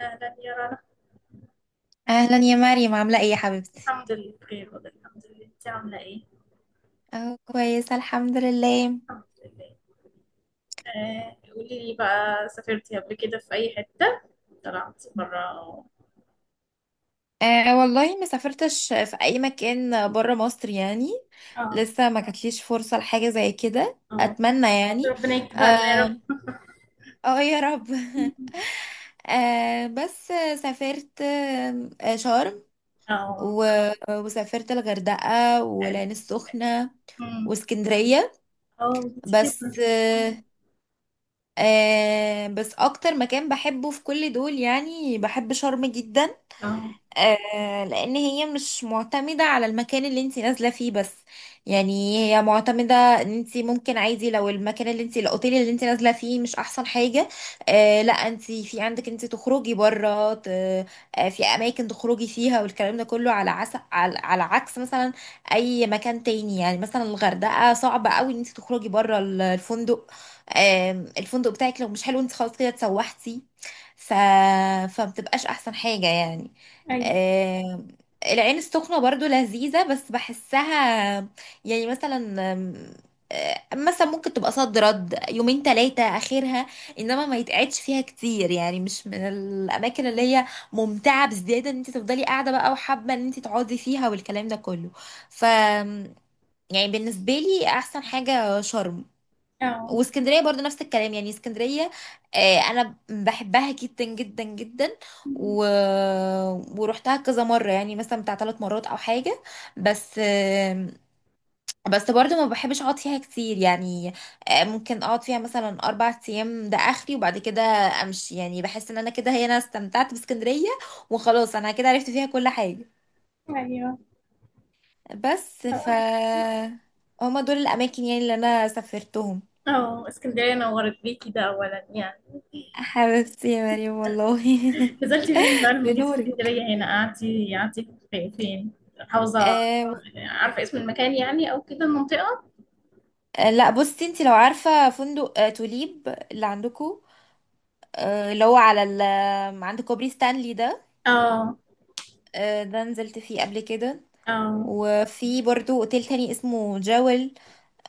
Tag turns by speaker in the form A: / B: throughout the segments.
A: أهلا يا رنا.
B: اهلا يا مريم، عامله ايه يا حبيبتي؟
A: الحمد لله بخير، والله الحمد لله. أنت عاملة إيه؟
B: اه، كويسة الحمد لله.
A: الحمد لله. قولي لي بقى، سافرتي قبل كده في أي حتة؟ طلعتي برا أو.
B: أه والله ما سافرتش في اي مكان بره مصر يعني.
A: آه.
B: لسه ما جاتليش فرصه لحاجه زي كده،
A: آه،
B: اتمنى يعني.
A: ربنا يكتبها لنا يا
B: اه.
A: رب.
B: آه يا رب أه بس، سافرت آم، آه، شرم،
A: آه.
B: وسافرت الغردقه
A: حلو.
B: والعين السخنه
A: أمم.
B: واسكندرية.
A: آه، كتير.
B: بس بس اكتر مكان بحبه في كل دول يعني بحب شرم جدا.
A: آه،
B: لان هي مش معتمدة على المكان اللي انت نازلة فيه بس، يعني هي معتمدة ان انت ممكن عادي، لو المكان اللي انت الاوتيل اللي انت نازلة فيه مش احسن حاجة. آه، لا انت في عندك انت تخرجي بره، في اماكن تخرجي فيها، والكلام ده كله على على عكس مثلا اي مكان تاني. يعني مثلا الغردقة صعب قوي ان انت تخرجي بره الفندق. آه الفندق بتاعك لو مش حلو، انت خلاص كده اتسوحتي. ف... فمتبقاش احسن حاجة يعني.
A: أي.
B: آه، العين السخنة برضو لذيذة، بس بحسها يعني. مثلا آم، آه، مثلا ممكن تبقى صد رد، يومين تلاتة آخرها، إنما ما يتقعدش فيها كتير. يعني مش من الأماكن اللي هي ممتعة بزيادة إن أنت تفضلي قاعدة بقى وحابة إن أنت تقعدي فيها والكلام ده كله. ف يعني بالنسبة لي أحسن حاجة شرم.
A: آه.
B: واسكندريه برضو نفس الكلام، يعني اسكندريه انا بحبها جدا جدا جدا.
A: أمم.
B: و... ورحتها كذا مره، يعني مثلا بتاع 3 مرات او حاجه، بس بس برضو ما بحبش اقعد فيها كتير يعني. ممكن اقعد فيها مثلا 4 ايام ده اخري، وبعد كده امشي. يعني بحس ان انا كده، هي انا استمتعت باسكندريه، وخلاص انا كده عرفت فيها كل حاجه.
A: أيوه.
B: بس
A: آه،
B: ف
A: أي.
B: هما دول الاماكن يعني اللي انا سافرتهم.
A: اسكندرية نورت بيكي ده أولا يعني.
B: حبيبتي يا مريم والله
A: نزلتي فين بقى لما جيتي
B: لنوري.
A: اسكندرية هنا؟ قعدتي فين، حوزة؟
B: آه.
A: عارفة اسم المكان يعني، أو كده المنطقة؟
B: لا بصي، انت لو عارفة فندق آه توليب اللي عندكو، آه اللي هو على ال آه، عند كوبري ستانلي ده،
A: اه.
B: ده نزلت فيه قبل كده.
A: اه.
B: وفي برضو اوتيل تاني اسمه جاول،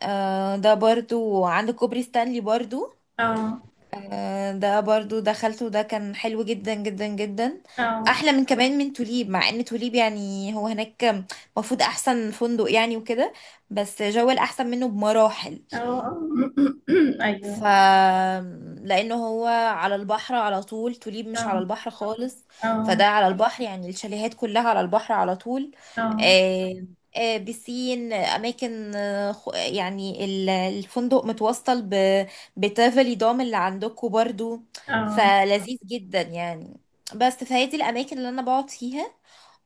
B: ده برضو عند كوبري ستانلي برضو.
A: اه.
B: ده برضو دخلته، ده كان حلو جدا جدا جدا،
A: اه.
B: احلى من كمان من توليب. مع ان توليب يعني هو هناك المفروض احسن فندق يعني وكده، بس جاول احسن منه بمراحل.
A: اه.
B: ف
A: أيوه.
B: لانه هو على البحر على طول، توليب مش على
A: اه.
B: البحر خالص.
A: اه.
B: فده على البحر، يعني الشاليهات كلها على البحر على طول.
A: اه.
B: آه، بسين اماكن، يعني الفندق متوصل بتافلي دوم اللي عندكم برضو،
A: اه.
B: فلذيذ جدا يعني. بس فهي دي الاماكن اللي انا بقعد فيها،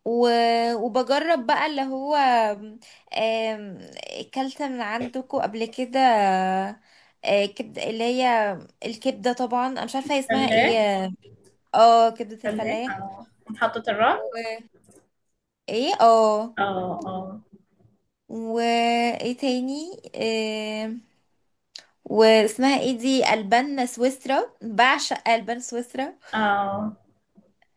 B: و... وبجرب بقى اللي هو آم، اكلت من عندكم قبل كده كبد، اللي هي الكبده. طبعا انا مش عارفه هي اسمها ايه.
A: فلاح.
B: اه، كبده
A: فلاح،
B: الفلاح.
A: اه محطة
B: و
A: الرمل.
B: ايه اه،
A: اه. اه.
B: وايه تاني؟ آم، واسمها ايه دي، البان سويسرا، بعشق البان سويسرا.
A: اه.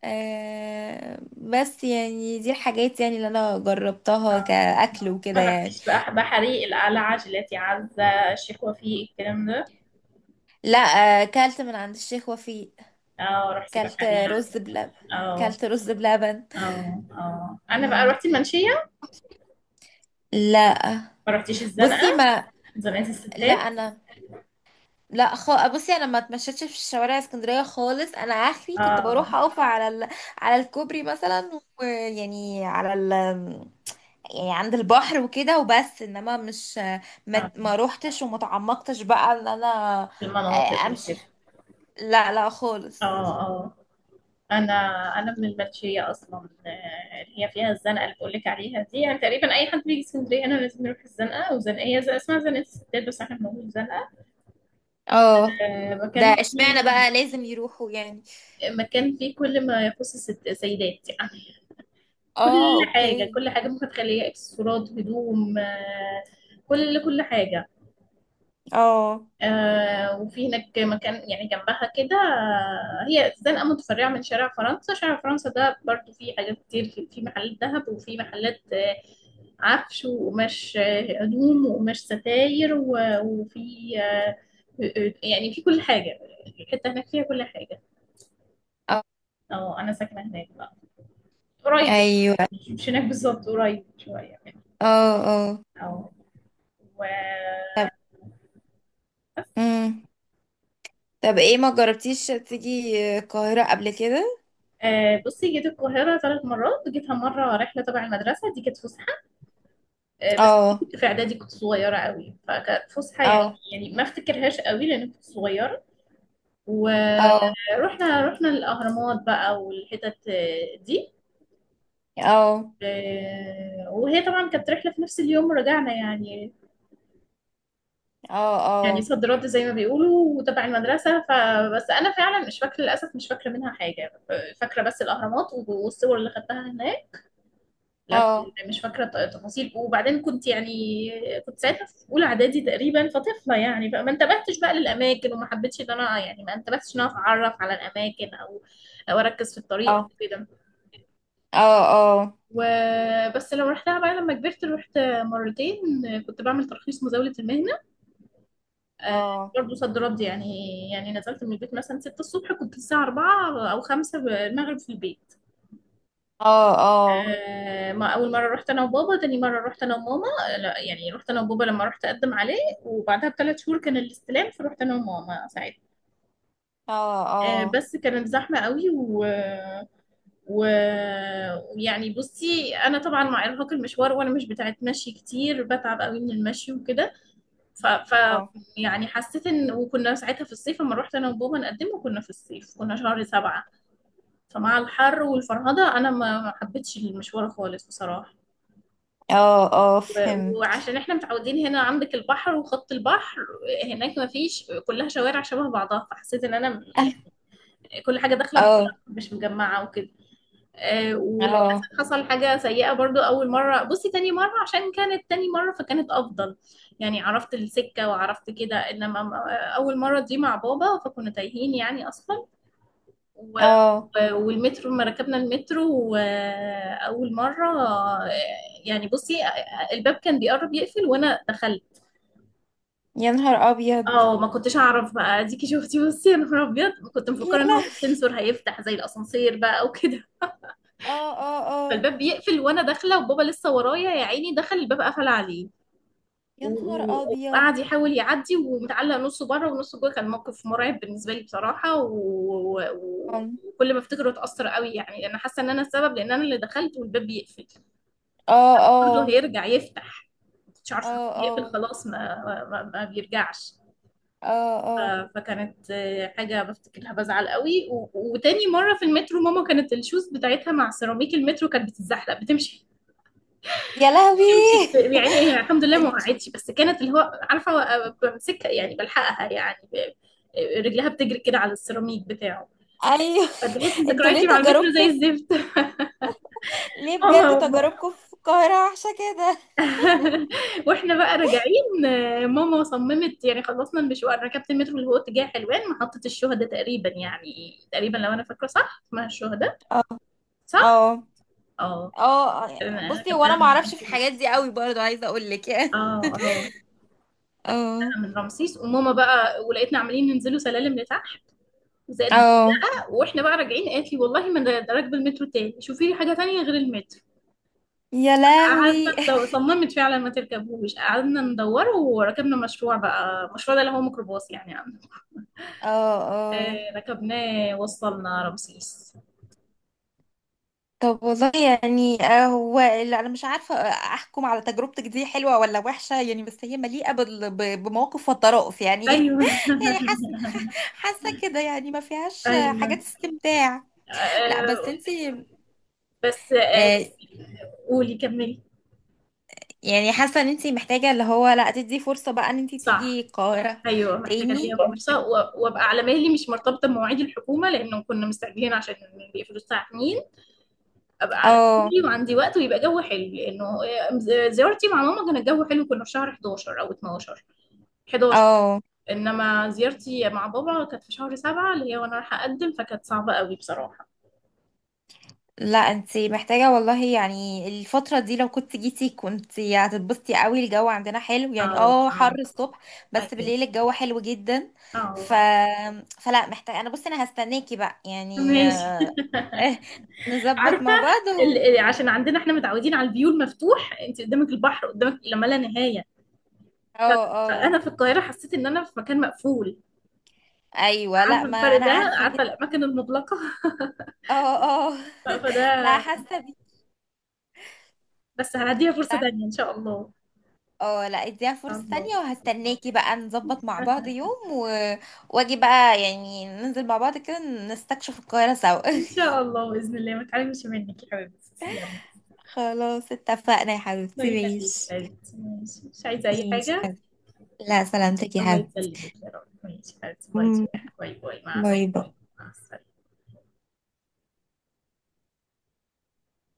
B: بس يعني دي الحاجات يعني اللي انا جربتها
A: اه.
B: كاكل
A: ما
B: وكده يعني.
A: رحتيش بقى بحري، القلعة، جيلاتي عزة، الشيخ وفيق، الكلام ده؟
B: لا، كلت من عند الشيخ وفيق،
A: اه، رحتي
B: كلت
A: بحري يعني؟
B: رز بلبن،
A: اه.
B: كلت رز بلبن.
A: اه. اه، انا بقى
B: مم.
A: رحت المنشيه.
B: لا.
A: ما رحتيش
B: بصي
A: الزنقه،
B: ما.
A: زنقه
B: لا
A: الستات؟
B: انا. لا، بصي انا ما اتمشيتش في الشوارع اسكندريه خالص. انا اخري كنت
A: اه.
B: بروح اقف على على الكوبري مثلا، ويعني يعني عند البحر وكده، وبس انما مش ما,
A: اه،
B: ما روحتش وما تعمقتش بقى ان انا
A: في المناطق
B: امشي.
A: وكده.
B: لا لا خالص.
A: اه. اه. انا، انا من المنشيه اصلا. اللي هي فيها الزنقه اللي بقول لك عليها دي، يعني تقريبا اي حد بيجي اسكندريه انا لازم يروح الزنقه، وزنقيه زي اسمها زنقه الستات، بس احنا بنقول زنقه.
B: اه. ده
A: مكان
B: اشمعنى
A: فيه،
B: بقى لازم يروحوا يعني؟
A: مكان فيه كل ما يخص الست سيدات يعني، كل
B: اه،
A: حاجه،
B: اوكي.
A: كل حاجه، ممكن تخليها اكسسوارات، هدوم، كل حاجه.
B: اه
A: آه، وفي هناك مكان يعني جنبها كده، هي زنقة متفرعة من شارع فرنسا. شارع فرنسا ده برضو فيه حاجات كتير، في محلات ذهب، وفي محلات عفش وقماش، هدوم وقماش ستاير، وفي آه، يعني في كل حاجة، الحتة هناك فيها كل حاجة.
B: اه.
A: اه، أنا ساكنة هناك بقى، قريب.
B: ايوه.
A: مش هناك بالظبط، قريب شوية يعني.
B: اه اه.
A: اه. و
B: طب. امم طب ايه، ما جربتيش تيجي القاهرة قبل كده؟
A: بصي، جيت القاهرة ثلاث مرات. جيتها مرة رحلة تبع المدرسة، دي كانت فسحة. بس
B: اه.
A: كنت في اعدادي، كنت صغيره قوي، فكانت فسحه يعني.
B: اه
A: يعني ما افتكرهاش قوي لان كنت صغيره.
B: اه
A: ورحنا، الاهرامات بقى والحتت دي.
B: اه
A: وهي طبعا كانت رحله في نفس اليوم ورجعنا يعني.
B: اه
A: يعني
B: اه
A: صد رد زي ما بيقولوا، وتبع المدرسه، فبس انا فعلا مش فاكره، للاسف مش فاكره منها حاجه. فاكره بس الاهرامات والصور اللي خدتها هناك، لكن
B: اه
A: مش فاكرة تفاصيل. وبعدين كنت يعني، كنت ساعتها في أولى إعدادي تقريبا، فطفلة يعني، فما انتبهتش بقى للأماكن، وما حبيتش إن أنا يعني، ما انتبهتش إن أنا أتعرف على الأماكن، أو أو أركز في الطريق
B: اه
A: أو كده.
B: اه اه
A: وبس لو رحتها بقى لما كبرت، رحت مرتين، كنت بعمل ترخيص مزاولة المهنة. آه،
B: اه
A: برضه صد رد يعني. يعني نزلت من البيت مثلا 6 الصبح، كنت الساعة 4 أو 5 المغرب في البيت.
B: اه
A: ما اول مره رحت انا وبابا، تاني مره رحت انا وماما. لا يعني رحت انا وبابا لما رحت اقدم عليه، وبعدها بثلاث شهور كان الاستلام، فرحت انا وماما ساعتها.
B: اه اه
A: بس كانت زحمه قوي، و ويعني بصي انا طبعا مع ارهاق المشوار، وانا مش بتاعت مشي كتير، بتعب قوي من المشي وكده. ف... ف
B: اه
A: يعني حسيت ان، وكنا ساعتها في الصيف لما رحت انا وبابا نقدمه، كنا في الصيف كنا شهر سبعة. فمع الحر والفرهده انا ما حبيتش المشوار خالص بصراحه.
B: اه اه، فهمت.
A: وعشان احنا متعودين هنا عندك البحر وخط البحر، هناك ما فيش، كلها شوارع شبه بعضها، فحسيت ان انا يعني كل حاجه داخله،
B: اه
A: مش مجمعه وكده. آه، وللاسف
B: اه
A: حصل حاجه سيئه برضو اول مره. بصي تاني مره، عشان كانت تاني مره فكانت افضل، يعني عرفت السكه وعرفت كده، انما اول مره دي مع بابا فكنا تايهين يعني اصلا. و
B: اه.
A: والمترو، لما ركبنا المترو وأول مرة، يعني بصي، الباب كان بيقرب يقفل وأنا دخلت.
B: يا نهار ابيض.
A: اه ما كنتش اعرف بقى، اديكي شفتي بصي، يا نهار ابيض، كنت
B: يا
A: مفكره ان هو في
B: لهوي،
A: سنسور هيفتح زي الاسانسير بقى وكده.
B: اه اه اه.
A: فالباب بيقفل وانا داخله، وبابا لسه ورايا يا عيني، دخل، الباب قفل عليه.
B: يا نهار ابيض.
A: وقعد يحاول يعدي، ومتعلق نصه بره ونصه جوه. كان موقف مرعب بالنسبه لي بصراحه.
B: اه
A: وكل ما افتكره اتاثر قوي يعني. انا حاسه ان انا السبب، لان انا اللي دخلت والباب بيقفل، برضه
B: اه
A: هيرجع يفتح، مش عارفه إن هو
B: اه
A: بيقفل
B: اه
A: خلاص. ما بيرجعش.
B: اه اه.
A: فكانت حاجة بفتكرها بزعل قوي. وتاني مرة في المترو، ماما كانت الشوز بتاعتها مع سيراميك المترو كانت بتتزحلق، بتمشي
B: يا لهوي
A: يعني. هي الحمد لله ما
B: انت.
A: وقعتش، بس كانت اللي هو عارفة بمسكها يعني، بلحقها يعني، رجلها بتجري كده على السيراميك بتاعه.
B: ايوه.
A: فتحسي
B: انتوا
A: ذكرياتي
B: ليه
A: مع المترو زي
B: تجاربكم في،
A: الزفت.
B: ليه
A: ماما
B: بجد
A: وم...
B: تجاربكم في القاهرة وحشة كده؟
A: واحنا بقى راجعين، آه، ماما صممت. يعني خلصنا المشوار، ركبت المترو اللي هو اتجاه حلوان، محطة الشهداء تقريبا. يعني تقريبا لو انا فاكرة صح اسمها الشهداء،
B: اه
A: صح.
B: اه.
A: اه.
B: اه،
A: أنا
B: بصي
A: كان
B: هو انا
A: بتاع
B: ما اعرفش في الحاجات
A: رمسيس.
B: دي قوي برضو، عايزة اقول لك يعني.
A: اه، اه،
B: اه
A: انا من رمسيس، وماما بقى ولقيتنا عمالين ننزلوا سلالم لتحت، زائد
B: اه.
A: زق. واحنا بقى راجعين قالت لي، والله ما انا راكبه المترو تاني، شوفي لي حاجه تانية غير المترو.
B: يا
A: قعدنا
B: لهوي
A: ندور، صممت فعلا ما تركبوش، قعدنا ندور وركبنا مشروع بقى. المشروع ده اللي هو ميكروباص يعني عندنا.
B: اه اه.
A: آه ركبناه، وصلنا رمسيس.
B: طب والله يعني، هو لا انا مش عارفه احكم على تجربتك دي حلوه ولا وحشه يعني، بس هي مليئه بمواقف وطرائف يعني
A: ايوه.
B: يعني حاسه، حاسه كده يعني ما فيهاش
A: ايوه.
B: حاجات استمتاع. لا بس
A: آه.
B: انت،
A: بس آه، قولي كملي.
B: يعني حاسه ان انت محتاجه اللي هو، لا تدي فرصه بقى ان انت تيجي
A: صح.
B: القاهره
A: ايوه، محتاجه
B: تاني.
A: اديها فرصه، وابقى على مهلي، مش مرتبطه بمواعيد الحكومه، لانه كنا مستعجلين عشان بيقفلوا الساعه 2. ابقى على
B: اه
A: مهلي وعندي وقت، ويبقى جو حلو. لانه آه، زيارتي مع ماما كان الجو حلو، كنا في شهر 11 او 12. 11،
B: اه.
A: انما زيارتي مع بابا كانت في شهر 7 اللي هي وانا رايحه اقدم، فكانت صعبه قوي بصراحه.
B: لا انتي محتاجة والله، يعني الفترة دي لو كنت جيتي كنتي هتتبسطي قوي. الجو عندنا حلو
A: اه.
B: يعني، اه حر
A: اه.
B: الصبح بس
A: ايوه.
B: بالليل الجو حلو جدا. ف...
A: اه.
B: فلا محتاجة. انا بصي انا هستناكي بقى يعني
A: ماشي.
B: نظبط
A: عارفه
B: مع بعض
A: عشان عندنا احنا متعودين على الفيو المفتوح، انت قدامك البحر، قدامك لا ما لا نهايه. ف-
B: اه اه.
A: فانا في القاهره حسيت ان انا في مكان مقفول.
B: ايوه، لا
A: عارفه
B: ما
A: الفرق
B: انا
A: ده،
B: عارفة
A: عارفه
B: جدا.
A: الاماكن المغلقه.
B: اه اه لا،
A: فده،
B: حاسة بيكي.
A: بس هنديها فرصه
B: لا.
A: تانية ان شاء الله.
B: اه، لا اديها فرصة
A: ان شاء
B: تانية،
A: الله بإذن
B: وهستناكي
A: الله.
B: بقى نظبط مع بعض يوم واجي بقى، يعني ننزل مع بعض كده نستكشف القاهرة سوا
A: ان شاء الله باذن الله، ما تعلمش منك يا حبيبتي، تسلمي.
B: خلاص اتفقنا يا
A: الله
B: حبيبتي،
A: يخليك يا
B: ماشي.
A: حبيبتي، ماشي، مش عايزه اي
B: ماشي يا
A: حاجه.
B: حبيبتي. لا سلامتك يا
A: الله
B: حبيبتي.
A: يسلمك يا رب، ماشي يا حبيبتي، باي.
B: مم،
A: باي باي، مع
B: باي باي.
A: السلامه. مع السلامه.